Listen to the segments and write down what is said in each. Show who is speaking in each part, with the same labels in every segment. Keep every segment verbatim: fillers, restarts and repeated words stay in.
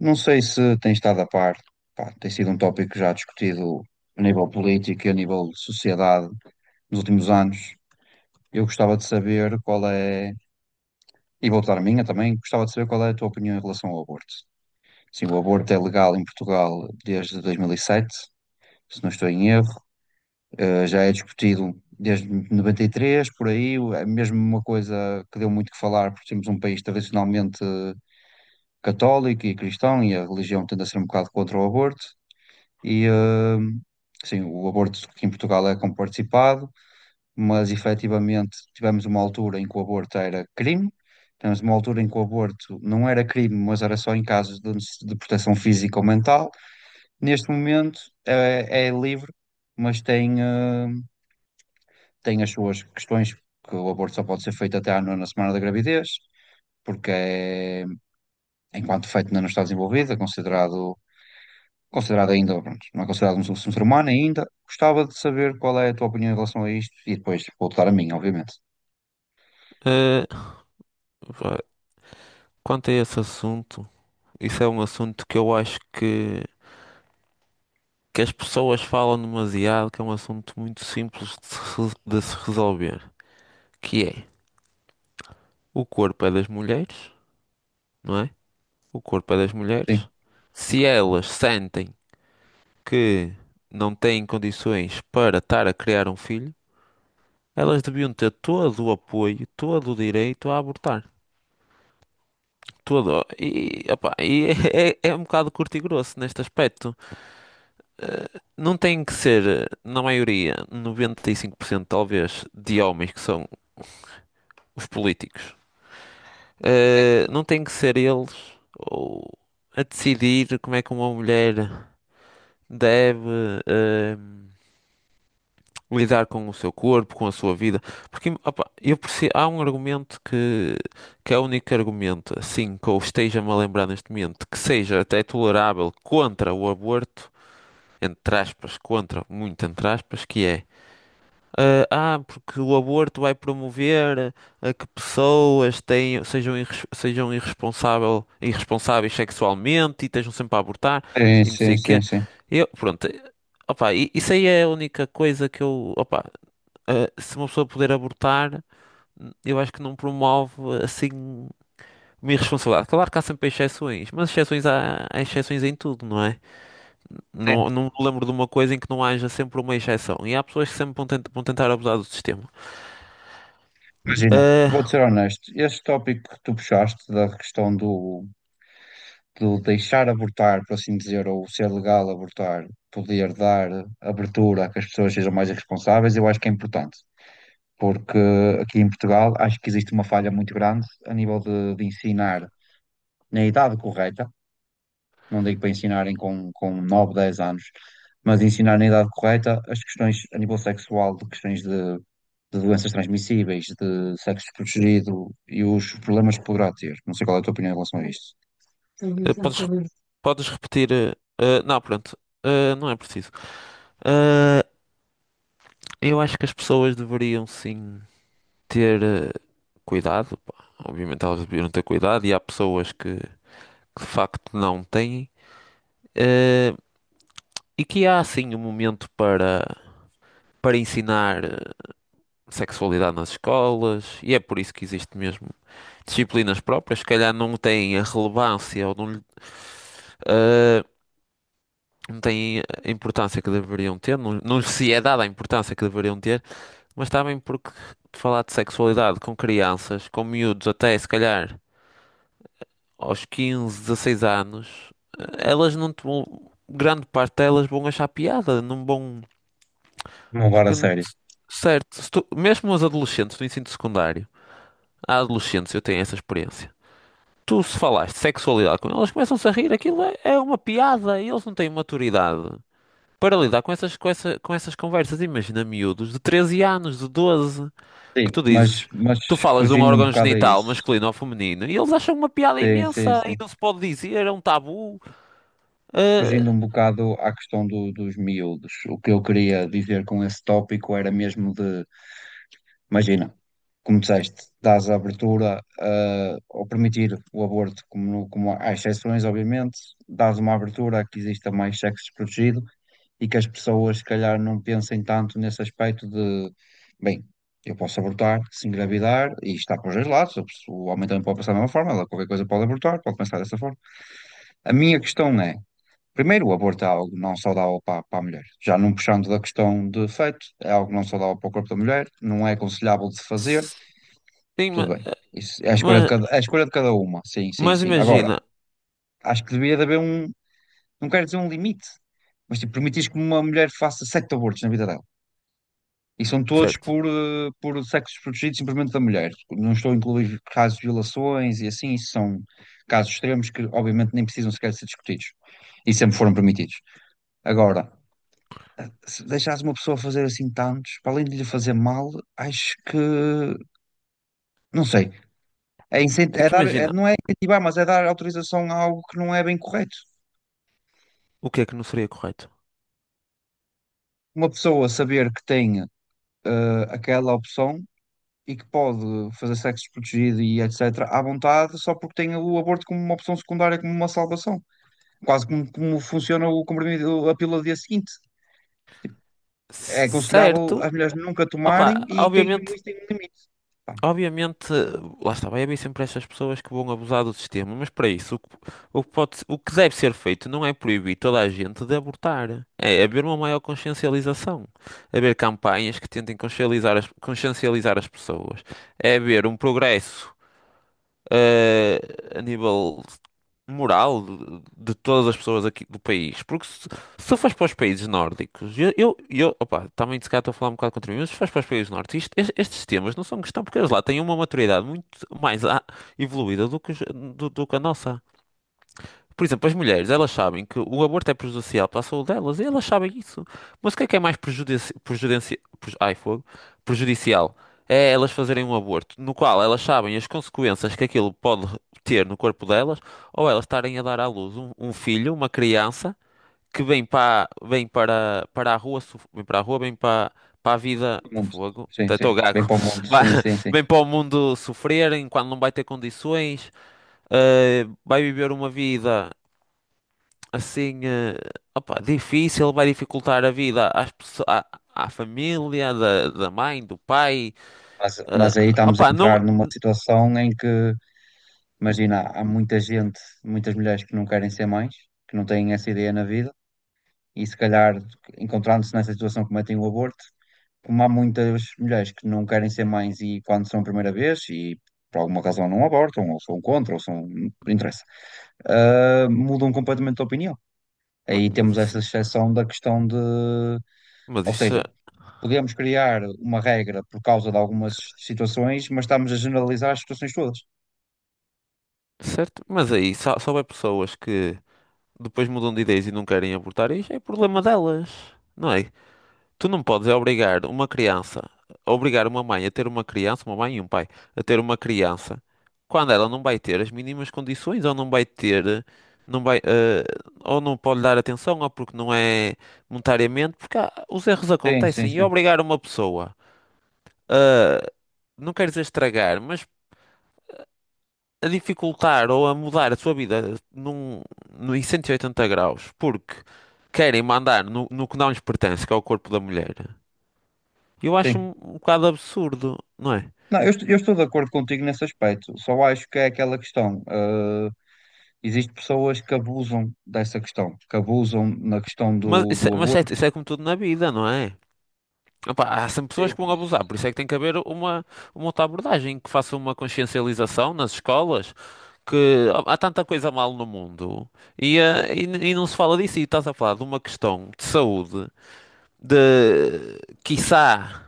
Speaker 1: Não sei se tem estado a par, pá, tem sido um tópico já discutido a nível político e a nível de sociedade nos últimos anos. Eu gostava de saber qual é, e vou dar a minha também, gostava de saber qual é a tua opinião em relação ao aborto. Sim, o aborto é legal em Portugal desde dois mil e sete, se não estou em erro. Eh, já é discutido desde noventa e três, por aí. É mesmo uma coisa que deu muito que falar, porque temos um país tradicionalmente católico e cristão e a religião tende a ser um bocado contra o aborto. E, hum, sim, o aborto aqui em Portugal é como participado, mas efetivamente tivemos uma altura em que o aborto era crime, tivemos uma altura em que o aborto não era crime, mas era só em casos de, necess- de proteção física ou mental. Neste momento é, é livre, mas tem, hum, tem as suas questões, que o aborto só pode ser feito até à nona semana da gravidez, porque é, enquanto feito ainda não está desenvolvido, é considerado. considerado ainda, pronto, não é considerado um, um ser humano ainda. Gostava de saber qual é a tua opinião em relação a isto e depois vou dar a minha, obviamente.
Speaker 2: Eh, vá, quanto a esse assunto, isso é um assunto que eu acho que, que as pessoas falam demasiado, que é um assunto muito simples de se, re- de se resolver, que é o corpo é das mulheres, não é? O corpo é das mulheres.
Speaker 1: Sim,
Speaker 2: Se elas sentem que não têm condições para estar a criar um filho, elas deviam ter todo o apoio, todo o direito a abortar. Todo. E, opá, e é, é é um bocado curto e grosso neste aspecto. Não tem que ser, na maioria, noventa e cinco por cento, talvez, de homens que são os políticos. Eh, não tem que ser eles ou a decidir como é que uma mulher deve eh, lidar com o seu corpo, com a sua vida. Porque opa, eu perce- há um argumento que, que é o único argumento, assim, que eu esteja-me a lembrar neste momento, que seja até tolerável contra o aborto, entre aspas, contra, muito entre aspas, que é Eh, ah, porque o aborto vai promover a que pessoas tenham, sejam, irres- sejam irresponsável, irresponsáveis sexualmente e estejam sempre a abortar
Speaker 1: sim,
Speaker 2: e não sei
Speaker 1: sim,
Speaker 2: o
Speaker 1: sim,
Speaker 2: quê.
Speaker 1: sim.
Speaker 2: Eu, pronto, eh, opá, i- isso aí é a única coisa que eu, opá, eh, se uma pessoa puder abortar, n- eu acho que não promove assim uma irresponsabilidade. Claro que há sempre exceções, mas exceções há, há exceções em tudo, não é?
Speaker 1: Sim.
Speaker 2: Não, não me lembro de uma coisa em que não haja sempre uma exceção. E há pessoas que sempre vão, tent- vão tentar abusar do sistema.
Speaker 1: Imagina, vou-te
Speaker 2: Ah,
Speaker 1: ser honesto, este tópico que tu puxaste da questão do, do deixar abortar, por assim dizer, ou ser legal abortar, poder dar abertura a que as pessoas sejam mais responsáveis, eu acho que é importante. Porque aqui em Portugal acho que existe uma falha muito grande a nível de de ensinar na idade correta, não digo para ensinarem com, com nove dez anos, mas ensinar na idade correta as questões a nível sexual, de questões de, de doenças transmissíveis, de sexo desprotegido e os problemas que poderá ter. Não sei qual é a tua opinião em relação a isto.
Speaker 2: eh, podes, podes repetir. Eh, ah, não, pronto. Ah, não é preciso. Ah, eu acho que as pessoas deveriam sim ter eh, cuidado, pá. Obviamente elas deveriam ter cuidado e há pessoas que, que de facto não têm. Eh, e que há sim um momento para, para, ensinar eh, sexualidade nas escolas e é por isso que existe mesmo disciplinas próprias. Se calhar não têm a relevância ou não lhe. eh, não têm a importância que deveriam ter, não, não lhes se é dada a importância que deveriam ter, mas também porque falar de sexualidade com crianças, com miúdos até se calhar aos quinze, dezesseis anos, eh, elas não te vão, grande parte delas vão achar piada, não vão,
Speaker 1: Não levar
Speaker 2: porque
Speaker 1: a sério.
Speaker 2: s- certo, se tu- mesmo os adolescentes do ensino secundário, há adolescentes, eu tenho essa experiência. Tu se falaste de sexualidade com elas, começam-se a rir, aquilo é, é uma piada e eles não têm maturidade para lidar com essas, com essa- com essas conversas. Imagina miúdos de treze anos, de doze, que
Speaker 1: Sim,
Speaker 2: tu
Speaker 1: mas,
Speaker 2: dizes,
Speaker 1: mas
Speaker 2: tu falas de um
Speaker 1: fugindo um
Speaker 2: órgão
Speaker 1: bocado a
Speaker 2: genital
Speaker 1: isso.
Speaker 2: masculino ou feminino e eles acham uma piada
Speaker 1: Sim, sim,
Speaker 2: imensa e
Speaker 1: sim.
Speaker 2: não se pode dizer, é um tabu. Ah,
Speaker 1: Fugindo um bocado à questão do- dos miúdos. O que eu queria dizer com esse tópico era mesmo de imagina, como disseste, dás a abertura ah, ao permitir o aborto, como, no- como há exceções, obviamente, dás uma abertura a que exista mais sexo desprotegido e que as pessoas, se calhar, não pensem tanto nesse aspecto de, bem, eu posso abortar se engravidar e está para os dois lados, o pessoa- o homem também pode pensar da mesma forma, ela qualquer coisa pode abortar, pode pensar dessa forma. A minha questão é, primeiro, o aborto é algo não saudável para, para a mulher, já não puxando da questão de feto, é algo não saudável para o corpo da mulher, não é aconselhável de se fazer,
Speaker 2: sim,
Speaker 1: tudo
Speaker 2: ma-
Speaker 1: bem. Isso é a escolha de
Speaker 2: ma-
Speaker 1: cada, é a escolha de cada uma. Sim, sim,
Speaker 2: mas,
Speaker 1: sim. Agora,
Speaker 2: imagina,
Speaker 1: acho que devia de haver um, não quero dizer um limite, mas tipo, permitires que uma mulher faça sete abortos na vida dela. E são todos
Speaker 2: certo?
Speaker 1: por, eh, por sexos protegidos simplesmente da mulher. Não estou a incluir casos de violações e assim, isso são casos extremos que obviamente nem precisam sequer ser discutidos. E sempre foram permitidos. Agora, se deixares uma pessoa fazer assim tantos, para além de lhe fazer mal, acho que, não sei, é, incent-
Speaker 2: É
Speaker 1: é
Speaker 2: que
Speaker 1: dar, é-
Speaker 2: imagina,
Speaker 1: não é incentivar, mas é dar autorização a algo que não é bem correto.
Speaker 2: o que é que não seria correto?
Speaker 1: Uma pessoa saber que tem eh, aquela opção e que pode fazer sexo protegido e etecetera à vontade só porque tem o aborto como uma opção secundária, como uma salvação. Quase como, como funciona o comprimido, a pílula do dia seguinte. É
Speaker 2: C-
Speaker 1: aconselhável
Speaker 2: Certo,
Speaker 1: as mulheres nunca tomarem
Speaker 2: opá,
Speaker 1: e tem, mesmo
Speaker 2: obviamente.
Speaker 1: isso tem um limite. Pá,
Speaker 2: Obviamente, lá está, vai haver sempre estas pessoas que vão abusar do sistema, mas para isso, o que, o que pode, o que deve ser feito não é proibir toda a gente de abortar, é haver uma maior consciencialização, haver campanhas que tentem consciencializar as, consciencializar as pessoas, é haver um progresso eh, a nível moral de de todas as pessoas aqui do país. Porque se, se fores para os países nórdicos, eu, eu, eu opa, também se calhar estou a falar um bocado contra mim, mas se fores para os países nórdicos, isto- es- estes temas não são questão, porque eles lá têm uma maturidade muito mais a- evoluída do que, os- do, do que a nossa. Por exemplo, as mulheres, elas sabem que o aborto é prejudicial para a saúde delas e elas sabem isso. Mas o que é que é mais prejudici prejudici preju- ai, fogo. Prejudicial? É elas fazerem um aborto no qual elas sabem as consequências que aquilo pode ter no corpo delas ou elas estarem a dar à luz um, um filho, uma criança, que vem para, vem para, para a rua, sof- vem para a rua, vem para, para a vida,
Speaker 1: para o mundo.
Speaker 2: fogo,
Speaker 1: Sim,
Speaker 2: estou
Speaker 1: sim. Bem
Speaker 2: gago.
Speaker 1: para o mundo.
Speaker 2: Vai-
Speaker 1: Sim, sim, sim.
Speaker 2: vem para o mundo sofrer enquanto não vai ter condições. Uh, vai viver uma vida assim, eh, opa, difícil, vai dificultar a vida às pessoas, à, à família, da, da mãe, do pai.
Speaker 1: Mas, mas
Speaker 2: eh,
Speaker 1: aí estamos a
Speaker 2: opa,
Speaker 1: entrar
Speaker 2: não.
Speaker 1: numa situação em que imagina, há há muita gente, muitas mulheres que não querem ser mães, que não têm essa ideia na vida, e se calhar, encontrando-se nessa situação, cometem o aborto. Como há muitas mulheres que não querem ser mães e quando são a primeira vez, e por alguma razão não abortam, ou são contra, ou são. Não interessa. Ah, mudam completamente de opinião.
Speaker 2: ma-
Speaker 1: Aí
Speaker 2: Mas
Speaker 1: temos
Speaker 2: isso,
Speaker 1: essa exceção da questão de.
Speaker 2: mas
Speaker 1: Ou
Speaker 2: isso,
Speaker 1: seja,
Speaker 2: é-
Speaker 1: podemos criar uma regra por causa de algumas situações, mas estamos a generalizar as situações todas.
Speaker 2: certo? Mas aí, só, só vai pessoas que depois mudam de ideias e não querem abortar, isso é problema delas, não é? Tu não podes é obrigar uma criança, obrigar uma mãe a ter uma criança, uma mãe e um pai, a ter uma criança, quando ela não vai ter as mínimas condições, ou não vai ter, não vai, eh, ou não pode dar atenção, ou porque não é monetariamente, porque há- os erros
Speaker 1: Sim, sim,
Speaker 2: acontecem. E
Speaker 1: sim.
Speaker 2: obrigar uma pessoa, a não quero dizer estragar, mas a dificultar ou a mudar a sua vida num, num, em cento e oitenta graus, porque querem mandar no, no que não lhes pertence, que é o corpo da mulher. Eu acho
Speaker 1: Sim.
Speaker 2: um, um bocado absurdo, não é?
Speaker 1: Não, eu, est- eu estou de acordo contigo nesse aspecto. Só acho que é aquela questão. eh, existem pessoas que abusam dessa questão, que abusam na questão
Speaker 2: Mas,
Speaker 1: do,
Speaker 2: isso, é,
Speaker 1: do
Speaker 2: mas é,
Speaker 1: aborto.
Speaker 2: isso é como tudo na vida, não é? Opa, há sempre pessoas que vão abusar, por isso é que tem que haver uma, uma outra abordagem que faça uma consciencialização nas escolas. Que há há tanta coisa mal no mundo e, eh, e, n- e não se fala disso. E estás a falar de uma questão de saúde, de quiçá,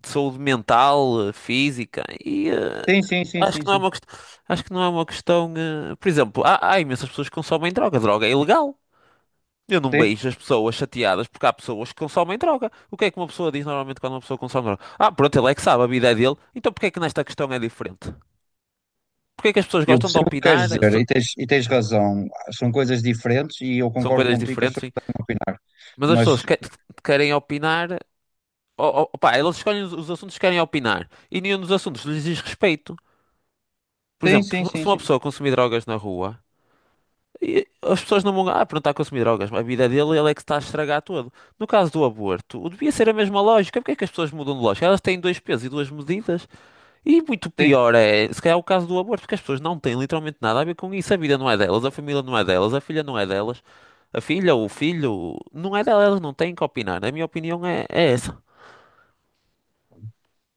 Speaker 2: de saúde mental, eh, física, e eh,
Speaker 1: Sim, sim, sim,
Speaker 2: acho que
Speaker 1: sim,
Speaker 2: não é
Speaker 1: sim.
Speaker 2: uma questão. Acho que não é uma questão. eh, Por exemplo, há, há imensas pessoas que consomem droga. Droga é ilegal. Eu não
Speaker 1: Sim.
Speaker 2: beijo as pessoas chateadas porque há pessoas que consomem droga. O que é que uma pessoa diz normalmente quando uma pessoa consome droga? Ah, pronto, ele é que sabe, a vida é dele. Então porque é que nesta questão é diferente? Porque é que as pessoas
Speaker 1: Eu
Speaker 2: gostam de
Speaker 1: percebo o que queres
Speaker 2: opinar?
Speaker 1: dizer
Speaker 2: So-
Speaker 1: e tens, e tens razão. São coisas diferentes e eu
Speaker 2: São
Speaker 1: concordo
Speaker 2: coisas
Speaker 1: contigo que as
Speaker 2: diferentes,
Speaker 1: pessoas-
Speaker 2: sim. Mas as pessoas
Speaker 1: Mas
Speaker 2: que- querem opinar. Oh, oh, pá, eles escolhem os os assuntos que querem opinar. E nenhum dos assuntos lhes diz respeito. Por
Speaker 1: sim, sim,
Speaker 2: exemplo,
Speaker 1: sim,
Speaker 2: se uma
Speaker 1: sim.
Speaker 2: pessoa consumir drogas na rua. E as pessoas não vão. Ah, pronto, está a consumir drogas. A vida dele, ele é que está a estragar tudo. No caso do aborto, o- devia ser a mesma lógica. Porque é que as pessoas mudam de lógica? Elas têm dois pesos e duas medidas. E muito pior é, se calhar, o caso do aborto, porque as pessoas não têm literalmente nada a ver com isso. A vida não é delas, a família não é delas, a filha não é delas. A filha, ou o filho, não é delas, elas não têm que opinar. A minha opinião é, é essa.